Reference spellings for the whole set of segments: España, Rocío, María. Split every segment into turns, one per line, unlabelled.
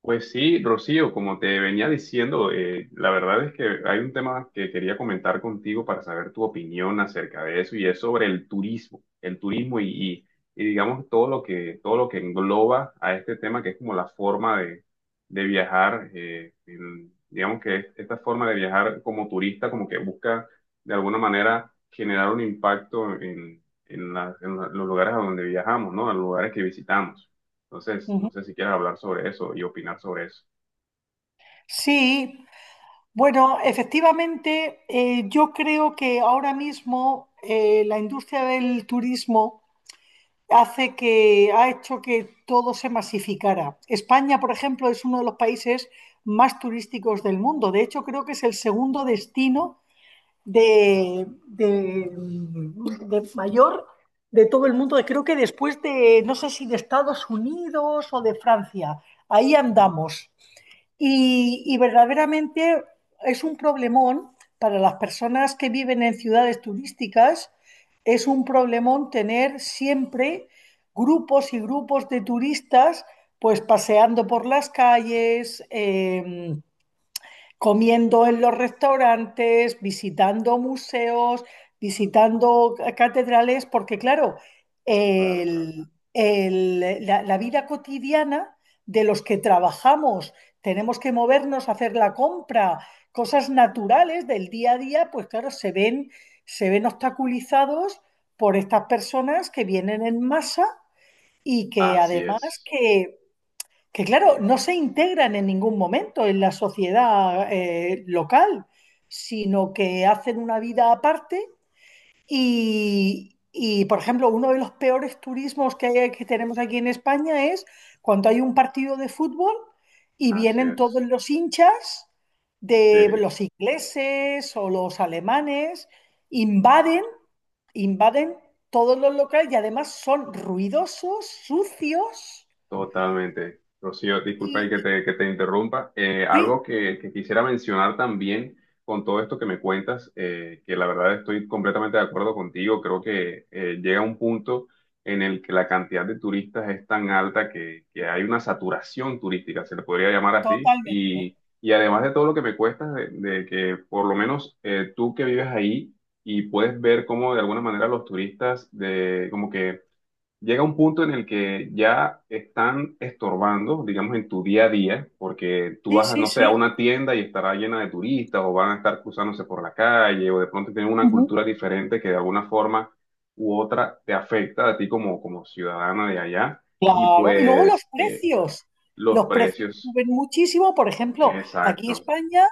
Pues sí, Rocío, como te venía diciendo, la verdad es que hay un tema que quería comentar contigo para saber tu opinión acerca de eso y es sobre el turismo, el turismo y, y- y digamos todo lo que engloba a este tema que es como la forma de viajar, digamos que esta forma de viajar como turista como que busca de alguna manera generar un impacto en los lugares a donde viajamos, ¿no? En los lugares que visitamos. Entonces,
Ujú.
no sé si quieres hablar sobre eso y opinar sobre eso.
Sí, bueno, efectivamente, yo creo que ahora mismo la industria del turismo ha hecho que todo se masificara. España, por ejemplo, es uno de los países más turísticos del mundo. De hecho, creo que es el segundo destino de mayor de todo el mundo. Creo que después de, no sé si de Estados Unidos o de Francia. Ahí andamos. Y verdaderamente es un problemón para las personas que viven en ciudades turísticas, es un problemón tener siempre grupos y grupos de turistas pues paseando por las calles, comiendo en los restaurantes, visitando museos, visitando catedrales, porque claro,
Claro, claro.
el- la vida cotidiana de los que trabajamos, tenemos que movernos, a hacer la compra, cosas naturales del día a día, pues claro, se ven obstaculizados por estas personas que vienen en masa y que
Así
además
es,
que que claro, no se integran en ningún momento en la sociedad local, sino que hacen una vida aparte y, por ejemplo, uno de los peores turismos que tenemos aquí en España es cuando hay un partido de fútbol y
así
vienen todos
es.
los hinchas de los ingleses o los alemanes, invaden, invaden todos los locales y además son ruidosos, sucios.
Totalmente. Rocío, disculpa ahí
Y,
que te interrumpa. Algo que quisiera mencionar también con todo esto que me cuentas, que la verdad estoy completamente de acuerdo contigo, creo que llega un punto en el que la cantidad de turistas es tan alta que hay una saturación turística, se le podría llamar así,
Totalmente.
y además de todo lo que me cuesta, de que por lo menos tú que vives ahí y puedes ver cómo de alguna manera los turistas de, como que llega un punto en el que ya están estorbando, digamos, en tu día a día, porque tú
Sí,
vas,
sí,
no sé, a
sí.
una tienda y estará llena de turistas o van a estar cruzándose por la calle o de pronto tienen una
Ujú.
cultura diferente que de alguna forma u otra te afecta a ti como, como ciudadana de allá y
Claro, y luego los
pues
precios.
los
Los precios
precios,
suben muchísimo. Por ejemplo, aquí
exacto,
España,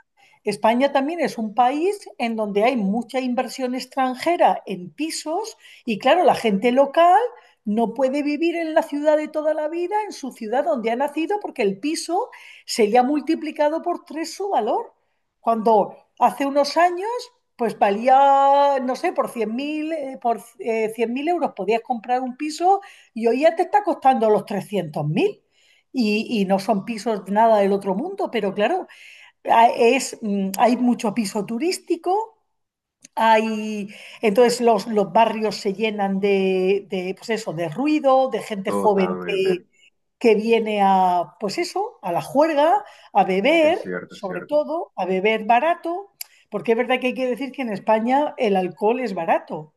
España también es un país en donde hay mucha inversión extranjera en pisos y claro, la gente local no puede vivir en la ciudad de toda la vida, en su ciudad donde ha nacido, porque el piso se le ha multiplicado por tres su valor. Cuando hace unos años, pues valía, no sé, por 100.000, 100.000 euros podías comprar un piso y hoy ya te está costando los 300.000 , y no son pisos nada del otro mundo, pero claro, hay mucho piso turístico. Hay, entonces los barrios se llenan de, pues eso, de ruido, de gente joven que,
totalmente,
que viene a, pues eso, a la juerga, a beber,
es
sobre
cierto,
todo, a beber barato, porque es verdad que hay que decir que en España el alcohol es barato.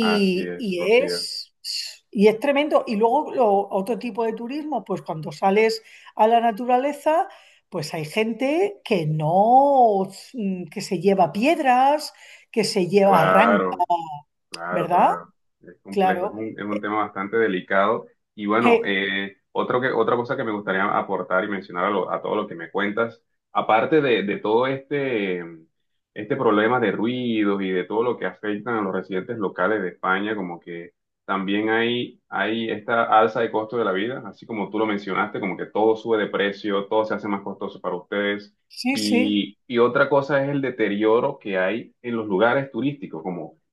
así es,
y
Rocío,
es, y es tremendo. Y luego otro tipo de turismo, pues cuando sales a la naturaleza, pues hay gente que no, que se lleva piedras, que se lleva arranques,
claro. Claro,
¿verdad?
claro, es complejo,
Claro.
es un tema bastante delicado. Y bueno,
Eh,
otro que, otra cosa que me gustaría aportar y mencionar a todo lo que me cuentas, aparte de todo este, este problema de ruidos y de todo lo que afectan a los residentes locales de España, como que también hay esta alza de costo de la vida, así como tú lo mencionaste, como que todo sube de precio, todo se hace más costoso para ustedes.
sí, sí,
Y otra cosa es el deterioro que hay en los lugares turísticos,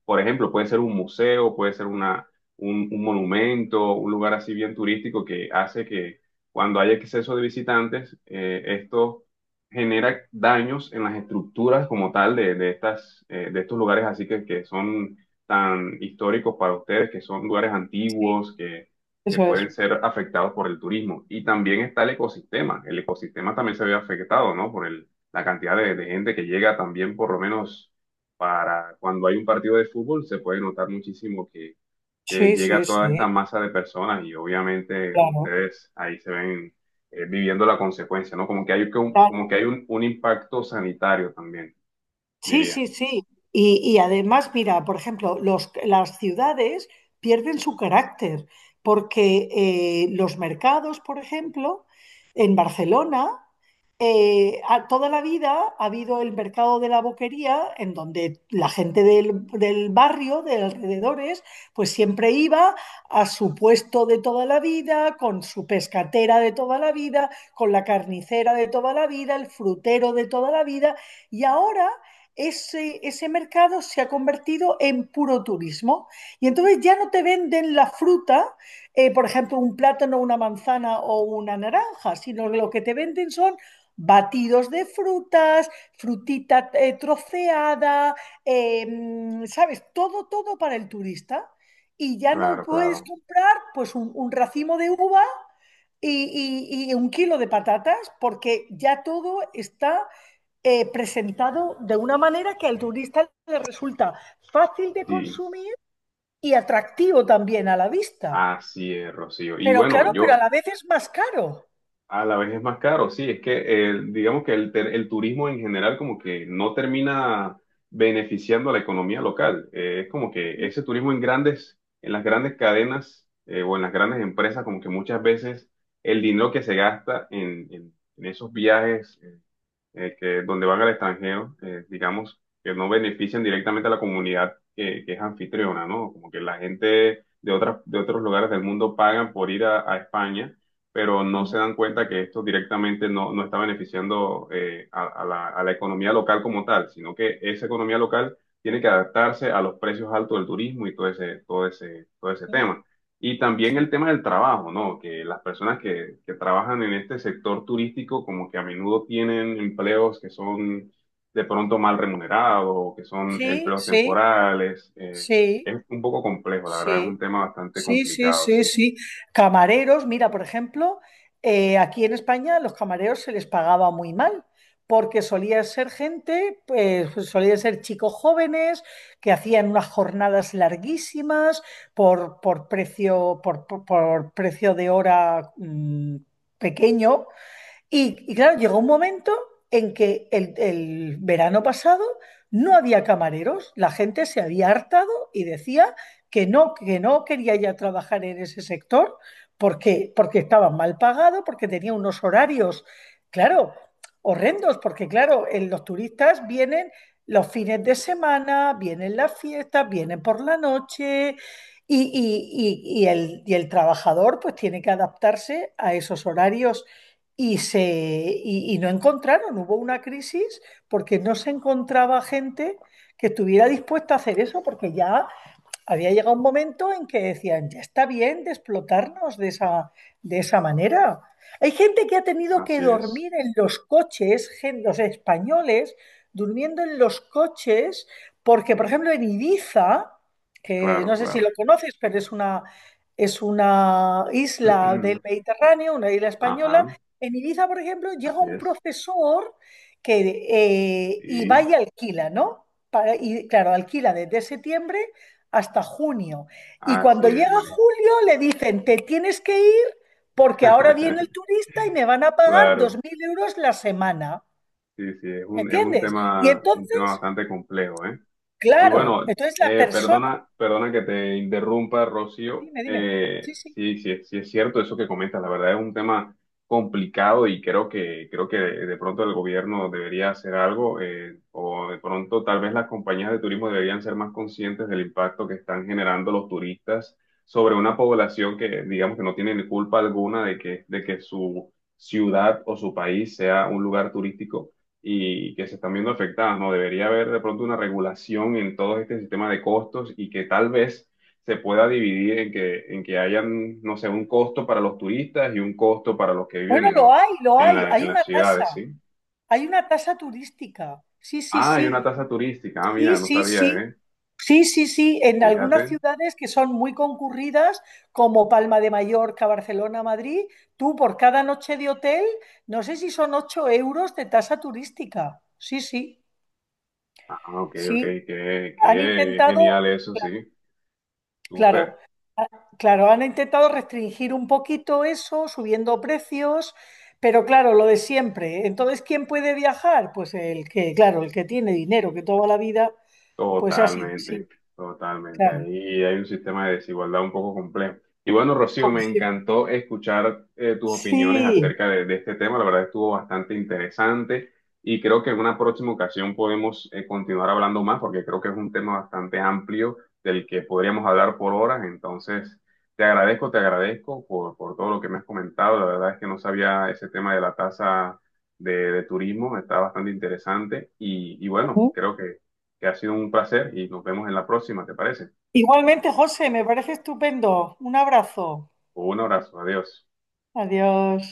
por ejemplo, puede ser un museo, puede ser una, un monumento, un lugar así bien turístico que hace que cuando hay exceso de visitantes, esto genera daños en las estructuras como tal de estas, de estos lugares así que son tan históricos para ustedes, que son lugares
sí,
antiguos, que
eso
pueden
es.
ser afectados por el turismo. Y también está el ecosistema. El ecosistema también se ve afectado, ¿no? Por el, la cantidad de gente que llega también por lo menos para cuando hay un partido de fútbol se puede notar muchísimo
Sí,
que llega
sí,
toda
sí,
esta masa de personas y obviamente
claro.
ustedes ahí se ven viviendo la consecuencia, ¿no? Como
Claro.
que hay un impacto sanitario también,
Sí,
diría.
sí, sí. Y además, mira, por ejemplo, las ciudades pierden su carácter porque los mercados, por ejemplo, en Barcelona toda la vida ha habido el mercado de la Boquería, en donde la gente del barrio, de alrededores, pues siempre iba a su puesto de toda la vida, con su pescatera de toda la vida, con la carnicera de toda la vida, el frutero de toda la vida, y ahora, ese mercado se ha convertido en puro turismo y entonces ya no te venden la fruta, por ejemplo, un plátano, una manzana o una naranja, sino lo que te venden son batidos de frutas, frutita troceada, eh, ¿sabes? Todo, todo para el turista. Y ya no
Claro,
puedes
claro.
comprar pues un racimo de uva y un kilo de patatas porque ya todo está presentado de una manera que al turista le resulta fácil de
Sí,
consumir y atractivo también a la vista.
así es, Rocío. Y
Pero
bueno,
claro, pero a
yo
la vez es más caro.
a la vez es más caro, sí, es que digamos que el turismo en general como que no termina beneficiando a la economía local. Es como que
Ujú,
ese turismo en grandes, en las grandes cadenas o en las grandes empresas, como que muchas veces el dinero que se gasta en esos viajes que donde van al extranjero, digamos, que no benefician directamente a la comunidad que es anfitriona, ¿no? Como que la gente de otras, de otros lugares del mundo pagan por ir a España, pero no
ujú,
se dan cuenta que esto directamente no, no está beneficiando a la economía local como tal, sino que esa economía local tiene que adaptarse a los precios altos del turismo y todo ese, todo ese, todo ese
ujú.
tema. Y también el tema del trabajo, ¿no? Que las personas que trabajan en este sector turístico como que a menudo tienen empleos que son de pronto mal remunerados, o que son
Sí,
empleos
sí,
temporales.
sí.
Es un poco complejo, la verdad, es un
Sí.
tema bastante
Sí, sí, sí,
complicado,
sí,
sí.
sí. Camareros, mira, por ejemplo, aquí en España los camareros se les pagaba muy mal, porque solía ser gente, pues solía ser chicos jóvenes que hacían unas jornadas larguísimas por precio de hora pequeño. Y claro, llegó un momento en que el verano pasado no había camareros, la gente se había hartado y decía que no quería ya trabajar en ese sector porque estaba mal pagado, porque tenía unos horarios, claro, horrendos, porque claro, en los turistas vienen los fines de semana, vienen las fiestas, vienen por la noche y el trabajador pues tiene que adaptarse a esos horarios y no encontraron, hubo una crisis porque no se encontraba gente que estuviera dispuesta a hacer eso, porque ya había llegado un momento en que decían, ya está bien de explotarnos de esa manera. Hay gente que ha tenido que
Así es,
dormir en los coches, los españoles durmiendo en los coches, porque, por ejemplo, en Ibiza, que
claro,
no sé si lo
claro.
conoces, pero es una isla del Mediterráneo, una isla española,
Ajá,
en Ibiza, por ejemplo, llega
así
un
es.
profesor y va
Sí,
y alquila, ¿no? Y claro, alquila desde septiembre hasta junio. Y
así
cuando
es,
llega
María.
julio le dicen, te tienes que ir porque ahora viene el turista y me van a pagar dos
Claro,
mil euros la semana.
sí, sí,
¿Me
es
entiendes? Y
un tema
entonces,
bastante complejo, ¿eh? Y
claro,
bueno,
entonces la persona,
perdona, perdona que te interrumpa, Rocío.
dime, dime, sí, sí.
Sí, sí, sí es cierto eso que comentas. La verdad es un tema complicado y creo que de pronto el gobierno debería hacer algo o de pronto tal vez las compañías de turismo deberían ser más conscientes del impacto que están generando los turistas sobre una población que digamos que no tiene ni culpa alguna de que su ciudad o su país sea un lugar turístico y que se están viendo afectadas, ¿no? Debería haber de pronto una regulación en todo este sistema de costos y que tal vez se pueda dividir en que hayan, no sé, un costo para los turistas y un costo para los que viven
Bueno, lo hay, lo
en
hay,
la, en
hay
las
una
ciudades,
tasa,
¿sí?
hay una tasa turística. Sí, sí,
Ah, hay
sí,
una tasa turística, ah,
sí,
mira, no
sí,
sabía,
sí.
¿eh?
Sí, sí, sí, en algunas
Fíjate.
ciudades que son muy concurridas, como Palma de Mallorca, Barcelona, Madrid, tú por cada noche de hotel, no sé si son 8 euros de tasa turística. Sí, sí,
Ah, ok, ok,
sí.
qué,
Han
qué
intentado,
genial eso, sí.
claro,
Súper.
a- claro, han intentado restringir un poquito eso, subiendo precios, pero claro, lo de siempre. Entonces, ¿quién puede viajar? Pues el que, claro, el que tiene dinero, que toda la vida, pues ha sido así,
Totalmente, totalmente.
claro,
Ahí hay un sistema de desigualdad un poco complejo. Y bueno, Rocío,
como
me
siempre.
encantó escuchar tus opiniones
Sí.
acerca de este tema. La verdad estuvo bastante interesante y creo que en una próxima ocasión podemos continuar hablando más porque creo que es un tema bastante amplio del que podríamos hablar por horas. Entonces, te agradezco por todo lo que me has comentado. La verdad es que no sabía ese tema de la tasa de turismo, está bastante interesante y bueno, creo que ha sido un placer y nos vemos en la próxima, ¿te parece?
Igualmente, José, me parece estupendo. Un abrazo.
Un abrazo, adiós.
Adiós.